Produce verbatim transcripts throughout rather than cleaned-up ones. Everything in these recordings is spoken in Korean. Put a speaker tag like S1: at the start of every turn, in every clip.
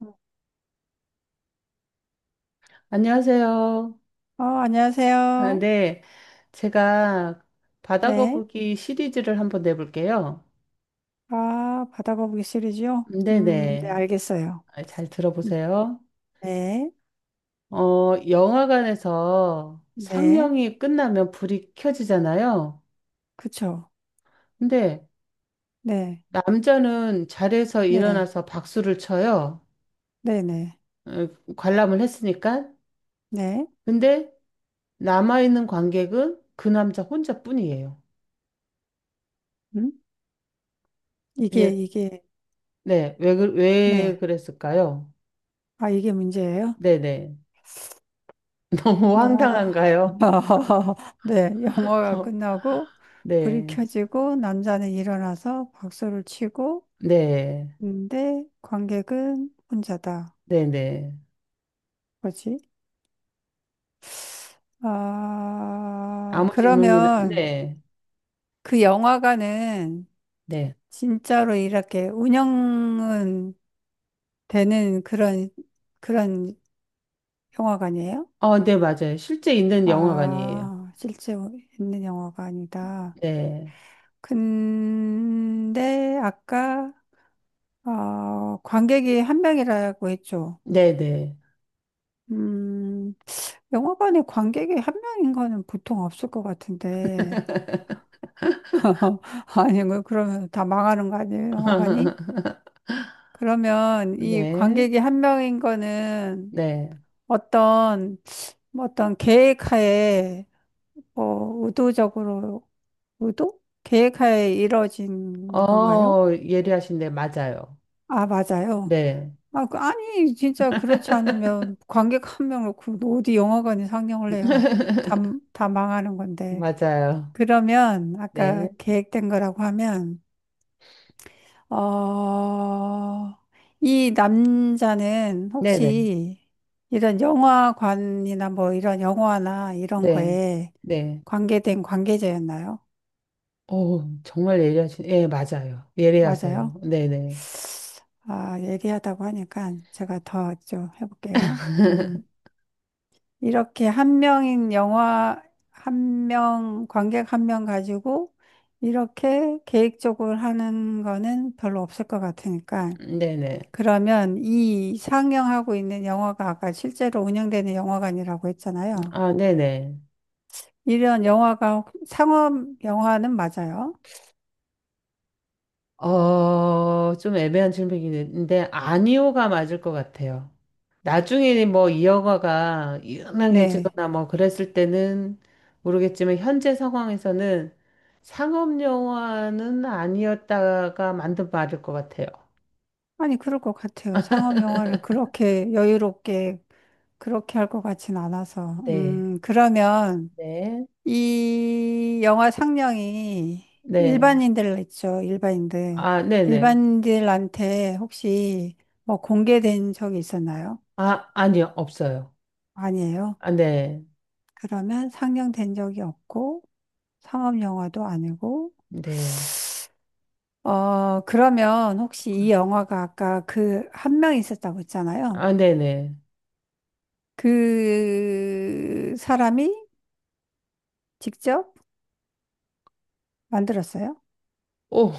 S1: 어,
S2: 안녕하세요. 아,
S1: 안녕하세요.
S2: 네, 제가 바다
S1: 네.
S2: 거북이 시리즈를 한번 내볼게요.
S1: 아, 바다거북이 시리즈요? 음, 네,
S2: 네네,
S1: 알겠어요.
S2: 아, 잘
S1: 음,
S2: 들어보세요.
S1: 네,
S2: 어, 영화관에서
S1: 네,
S2: 상영이 끝나면 불이 켜지잖아요.
S1: 그쵸.
S2: 근데
S1: 네,
S2: 남자는 자리에서
S1: 네,
S2: 일어나서 박수를 쳐요.
S1: 네, 네,
S2: 어, 관람을 했으니까.
S1: 네.
S2: 근데 남아있는 관객은 그 남자 혼자뿐이에요.
S1: 음? 이게,
S2: 예,
S1: 이게,
S2: 네, 왜, 그- 왜
S1: 네.
S2: 그랬을까요?
S1: 아, 이게 문제예요?
S2: 네네. 너무
S1: 영화가,
S2: 황당한가요?
S1: 네, 영화가 끝나고, 불이
S2: 네,
S1: 켜지고, 남자는 일어나서 박수를 치고,
S2: 네,
S1: 근데 관객은 혼자다.
S2: 네, 네.
S1: 뭐지? 아,
S2: 아무 질문이나,
S1: 그러면,
S2: 네,
S1: 그 영화관은
S2: 네.
S1: 진짜로 이렇게 운영은 되는 그런, 그런 영화관이에요?
S2: 어, 네, 맞아요. 실제 있는 영화관이에요.
S1: 아, 실제 있는 영화관이다.
S2: 네,
S1: 근데 아까, 어, 관객이 한 명이라고 했죠.
S2: 네, 네.
S1: 음, 영화관에 관객이 한 명인 거는 보통 없을 것 같은데. 아니, 뭐 그러면 다 망하는 거 아니에요, 영화관이? 그러면 이
S2: 네,
S1: 관객이 한 명인 거는
S2: 네.
S1: 어떤, 뭐 어떤 계획하에, 어, 의도적으로, 의도? 계획하에 이뤄진 건가요?
S2: 어, 예리하신데, 맞아요.
S1: 아, 맞아요.
S2: 네,
S1: 아, 그- 아니, 진짜 그렇지 않으면 관객 한 명 놓고 어디 영화관이 상영을 해요. 다, 다 망하는 건데.
S2: 맞아요.
S1: 그러면, 아까
S2: 네,
S1: 계획된 거라고 하면, 어, 이 남자는
S2: 네, 네,
S1: 혹시 이런 영화관이나 뭐 이런 영화나 이런
S2: 네,
S1: 거에
S2: 네.
S1: 관계된 관계자였나요?
S2: 오, 정말 예리하신, 예, 맞아요. 예리하세요.
S1: 맞아요?
S2: 네, 네.
S1: 아, 예리하다고 하니까 제가 더 좀 해볼게요. 음, 이렇게 한 명인 영화, 한 명, 관객 한 명 가지고 이렇게 계획적으로 하는 거는 별로 없을 것 같으니까
S2: 네네.
S1: 그러면 이 상영하고 있는 영화가 아까 실제로 운영되는 영화관이라고 했잖아요.
S2: 아, 네네.
S1: 이런 영화가 상업 영화는 맞아요?
S2: 어, 좀 애매한 질문이긴 한데, 아니오가 맞을 것 같아요. 나중에 뭐 이 영화가
S1: 네.
S2: 유명해지거나 뭐 그랬을 때는 모르겠지만, 현재 상황에서는 상업 영화는 아니었다가 만든 말일 것 같아요.
S1: 아니, 그럴 것 같아요. 상업 영화를 그렇게 여유롭게 그렇게 할 것 같진 않아서.
S2: 네,
S1: 음, 그러면
S2: 네,
S1: 이 영화 상영이
S2: 네.
S1: 일반인들 있죠. 일반인들.
S2: 아, 네네.
S1: 일반인들한테 혹시 뭐 공개된 적이 있었나요?
S2: 아, 아니요, 없어요.
S1: 아니에요.
S2: 아, 네,
S1: 그러면 상영된 적이 없고 상업 영화도 아니고
S2: 네.
S1: 어 그러면 혹시 이 영화가 아까 그 한 명 있었다고 했잖아요.
S2: 아, 네네.
S1: 그 사람이 직접 만들었어요?
S2: 오,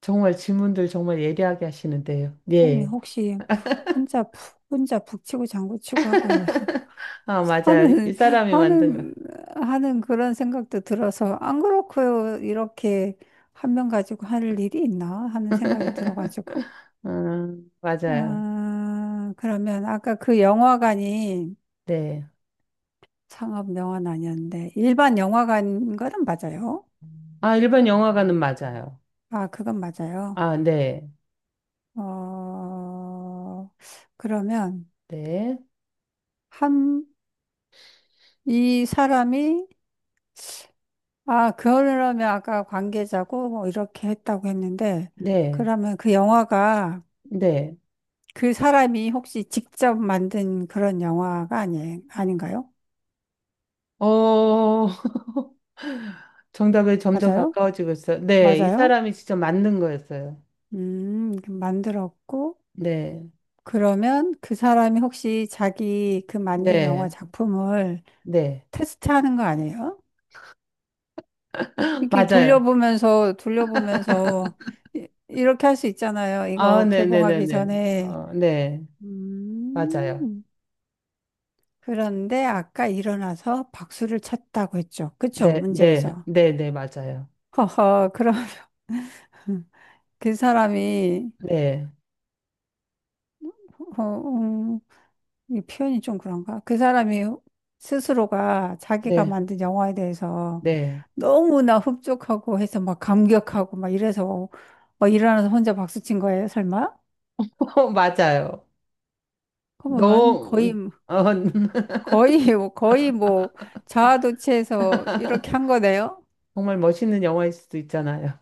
S2: 정말 질문들 정말 예리하게 하시는데요.
S1: 아니
S2: 예.
S1: 혹시 혼자 푹 혼자 북치고 장구치고 하고 있나
S2: 아, 맞아요. 이
S1: 하는
S2: 사람이 만든 거.
S1: 하는 하는 그런 생각도 들어서 안 그렇고요 이렇게 한 명 가지고 할 일이 있나 하는 생각이 들어가지고
S2: 음, 맞아요.
S1: 아, 그러면 아까 그 영화관이
S2: 네.
S1: 상업 영화는 아니었는데 일반 영화관인 거는 맞아요.
S2: 아, 일반 영화관은 맞아요.
S1: 아, 그건 맞아요.
S2: 아, 네.
S1: 어, 그러면
S2: 네.
S1: 한, 이 사람이 아, 그러면 아까 관계자고 뭐 이렇게 했다고 했는데
S2: 네.
S1: 그러면 그 영화가
S2: 네.
S1: 그 사람이 혹시 직접 만든 그런 영화가 아니, 아닌가요?
S2: 어, 정답에 점점
S1: 맞아요?
S2: 가까워지고 있어요. 네. 이
S1: 맞아요?
S2: 사람이 진짜 맞는 거였어요.
S1: 음, 만들었고
S2: 네.
S1: 그러면 그 사람이 혹시 자기 그 만든 영화
S2: 네.
S1: 작품을
S2: 네.
S1: 테스트하는 거 아니에요? 이렇게
S2: 맞아요.
S1: 돌려보면서 돌려보면서 이- 이렇게 할 수 있잖아요.
S2: 아,
S1: 이거 개봉하기
S2: 네네네네.
S1: 전에
S2: 어, 네. 맞아요.
S1: 음, 그런데 아까 일어나서 박수를 쳤다고 했죠. 그쵸?
S2: 네. 네.
S1: 문제에서.
S2: 네. 네. 맞아요.
S1: 허허, 그럼 그 사람이,
S2: 네.
S1: 어, 음, 이 표현이 좀 그런가? 그 사람이 스스로가 자기가
S2: 네.
S1: 만든 영화에 대해서
S2: 네.
S1: 너무나 흡족하고 해서 막 감격하고 막 이래서 막 일어나서 혼자 박수 친 거예요, 설마?
S2: 맞아요.
S1: 그러면 완-
S2: 너,
S1: 거의
S2: 음, 어,
S1: 거의 뭐 거의 뭐 자아도취해서 이렇게 한 거네요.
S2: 정말 멋있는 영화일 수도 있잖아요.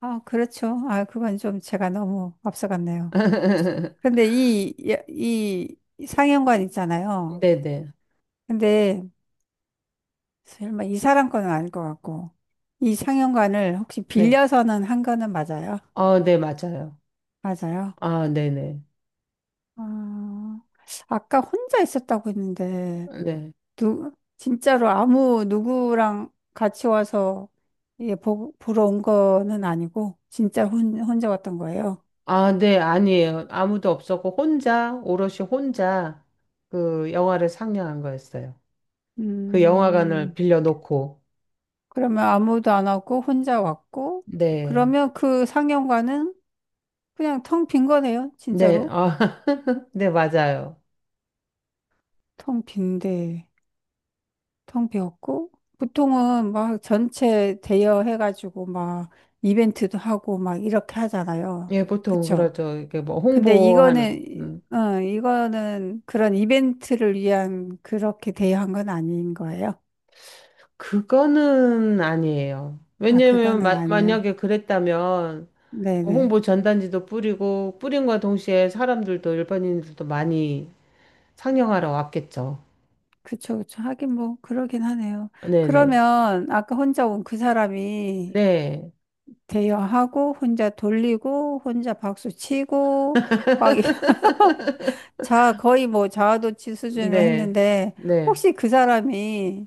S1: 아, 그렇죠. 아, 그건 좀 제가 너무 앞서갔네요. 근데 이, 이, 이 상영관 있잖아요.
S2: 네네.
S1: 근데 설마 이 사람 거는 아닐 것 같고 이 상영관을 혹시
S2: 네.
S1: 빌려서는 한 거는 맞아요?
S2: 어, 네, 맞아요.
S1: 맞아요.
S2: 아, 네네.
S1: 아, 아까 혼자 있었다고 했는데
S2: 네. 네.
S1: 누, 진짜로 아무 누구랑 같이 와서 예, 보, 보러 온 거는 아니고 진짜 혼, 혼자 왔던 거예요.
S2: 아, 네, 아니에요. 아무도 없었고, 혼자, 오롯이 혼자 그 영화를 상영한 거였어요. 그 영화관을
S1: 음,
S2: 빌려놓고.
S1: 그러면 아무도 안 왔고 혼자 왔고
S2: 네.
S1: 그러면 그 상영관은 그냥 텅 빈 거네요.
S2: 네,
S1: 진짜로
S2: 아, 네, 맞아요.
S1: 텅 빈데 텅 비었고 보통은 막 전체 대여해가지고 막 이벤트도 하고 막 이렇게 하잖아요.
S2: 예, 보통
S1: 그쵸?
S2: 그렇죠. 이게 뭐
S1: 근데
S2: 홍보하는.
S1: 이거는,
S2: 음.
S1: 어, 이거는 그런 이벤트를 위한 그렇게 대여한 건 아닌 거예요?
S2: 그거는 아니에요.
S1: 아,
S2: 왜냐면,
S1: 그거는
S2: 마,
S1: 아니에요.
S2: 만약에 그랬다면,
S1: 네네.
S2: 홍보 전단지도 뿌리고 뿌린과 동시에 사람들도 일반인들도 많이 상영하러 왔겠죠.
S1: 그쵸, 그쵸. 하긴 뭐, 그러긴 하네요.
S2: 네네.
S1: 그러면 아까 혼자 온 그 사람이
S2: 네.
S1: 대여하고, 혼자 돌리고, 혼자 박수 치고, 막, 자, 거의 뭐 자아도취 수준으로
S2: 네.
S1: 했는데,
S2: 네.
S1: 혹시 그 사람이,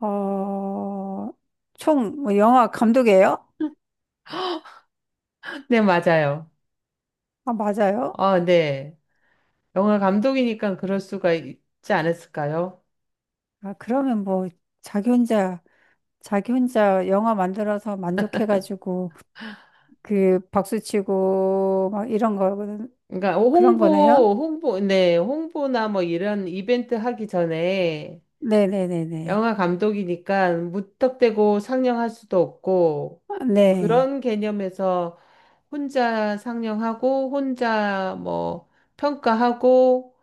S1: 어, 총뭐 영화 감독이에요?
S2: 네, 맞아요.
S1: 아, 맞아요?
S2: 아, 네. 영화 감독이니까 그럴 수가 있지 않았을까요?
S1: 아, 그러면 뭐, 자기 혼자, 자기 혼자 영화 만들어서 만족해가지고, 그, 박수치고, 막 이런 거,
S2: 그러니까
S1: 그런 거네요?
S2: 홍보, 홍보, 네, 홍보나 뭐 이런 이벤트 하기 전에
S1: 네네네네.
S2: 영화 감독이니까 무턱대고 상영할 수도 없고
S1: 아, 네.
S2: 그런 개념에서 혼자 상영하고 혼자 뭐 평가하고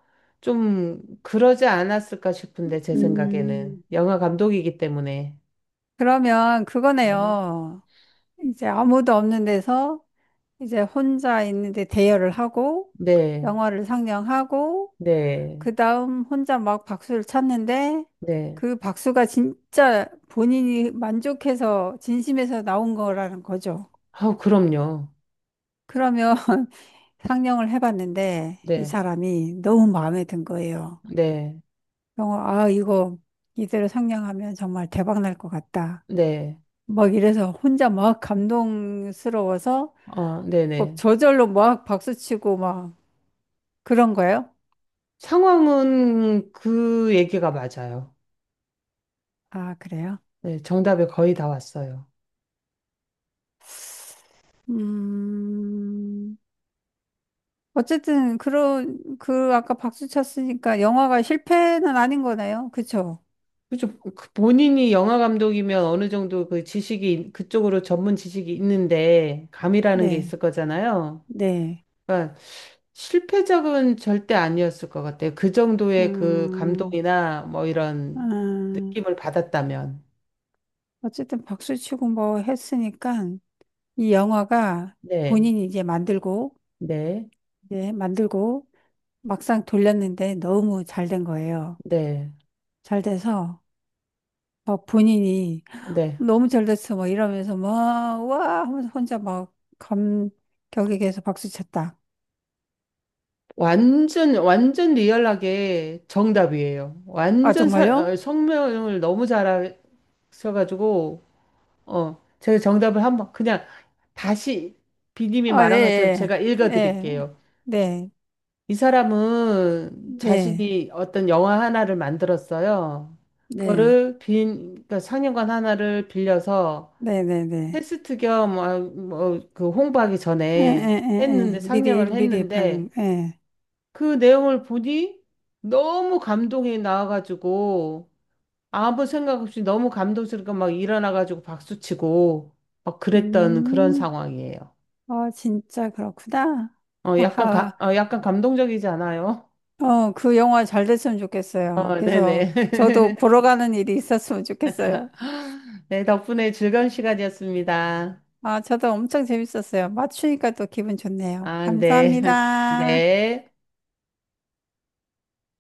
S2: 좀 그러지 않았을까 싶은데 제 생각에는
S1: 음,
S2: 영화 감독이기 때문에.
S1: 그러면
S2: 네.
S1: 그거네요. 이제 아무도 없는 데서, 이제 혼자 있는데 대여를 하고,
S2: 네.
S1: 영화를 상영하고,
S2: 네.
S1: 그 다음 혼자 막 박수를 쳤는데
S2: 네.
S1: 그 박수가 진짜 본인이 만족해서 진심에서 나온 거라는 거죠.
S2: 아, 그럼요.
S1: 그러면 상영을 해봤는데 이
S2: 네.
S1: 사람이 너무 마음에 든 거예요.
S2: 네.
S1: 영어, 아, 이거 이대로 상영하면 정말 대박 날 것 같다.
S2: 네.
S1: 막 이래서 혼자 막 감동스러워서
S2: 어, 네,
S1: 막
S2: 네.
S1: 저절로 막 박수치고 막 그런 거예요?
S2: 상황은 그 얘기가 맞아요.
S1: 아, 그래요?
S2: 네, 정답에 거의 다 왔어요.
S1: 음. 어쨌든 그런 그 아까 박수 쳤으니까 영화가 실패는 아닌 거네요. 그쵸?
S2: 그죠. 그 본인이 영화 감독이면 어느 정도 그 지식이, 있- 그쪽으로 전문 지식이 있는데, 감이라는 게
S1: 네,
S2: 있을 거잖아요.
S1: 네,
S2: 그러니까 실패작은 절대 아니었을 것 같아요. 그 정도의 그
S1: 음,
S2: 감동이나 뭐 이런
S1: 음,
S2: 느낌을 받았다면.
S1: 어쨌든 박수 치고 뭐 했으니까 이 영화가
S2: 네,
S1: 본인이 이제 만들고
S2: 네,
S1: 이제 만들고 막상 돌렸는데 너무 잘 된 거예요.
S2: 네,
S1: 잘 돼서 막 본인이
S2: 네.
S1: 너무 잘 됐어 막 이러면서 막 와 하면서 혼자 막 감격에 계속 박수 쳤다.
S2: 완전, 완전 리얼하게 정답이에요.
S1: 아
S2: 완전 사- 어,
S1: 정말요?
S2: 성명을 너무 잘하셔가지고, 어, 제가 정답을 한번 그냥 다시 비님이
S1: 아,
S2: 말한 것처럼
S1: 예,
S2: 제가
S1: 예, 예,
S2: 읽어드릴게요.
S1: 네,
S2: 이 사람은
S1: 네,
S2: 자신이 어떤 영화 하나를 만들었어요.
S1: 네,
S2: 그거를 빈, 그러니까 상영관 하나를 빌려서
S1: 네, 네, 네.
S2: 테스트 겸, 아, 뭐, 그 홍보하기
S1: 예,
S2: 전에
S1: 예,
S2: 했는데,
S1: 예, 예. 미리,
S2: 상영을
S1: 미리 받는,
S2: 했는데,
S1: 예.
S2: 그 내용을 보니 너무 감동이 나와가지고, 아무 생각 없이 너무 감동스럽게 막 일어나가지고 박수치고 막 그랬던 그런
S1: 음,
S2: 상황이에요.
S1: 아, 진짜 그렇구나.
S2: 어, 약간
S1: 하하.
S2: 가, 어, 약간 감동적이지 않아요?
S1: 어, 그 영화 잘 됐으면
S2: 어,
S1: 좋겠어요. 그래서
S2: 네네.
S1: 저도 보러 가는 일이 있었으면 좋겠어요.
S2: 네, 덕분에 즐거운 시간이었습니다.
S1: 아, 저도 엄청 재밌었어요. 맞추니까 또 기분 좋네요.
S2: 아, 네.
S1: 감사합니다.
S2: 네.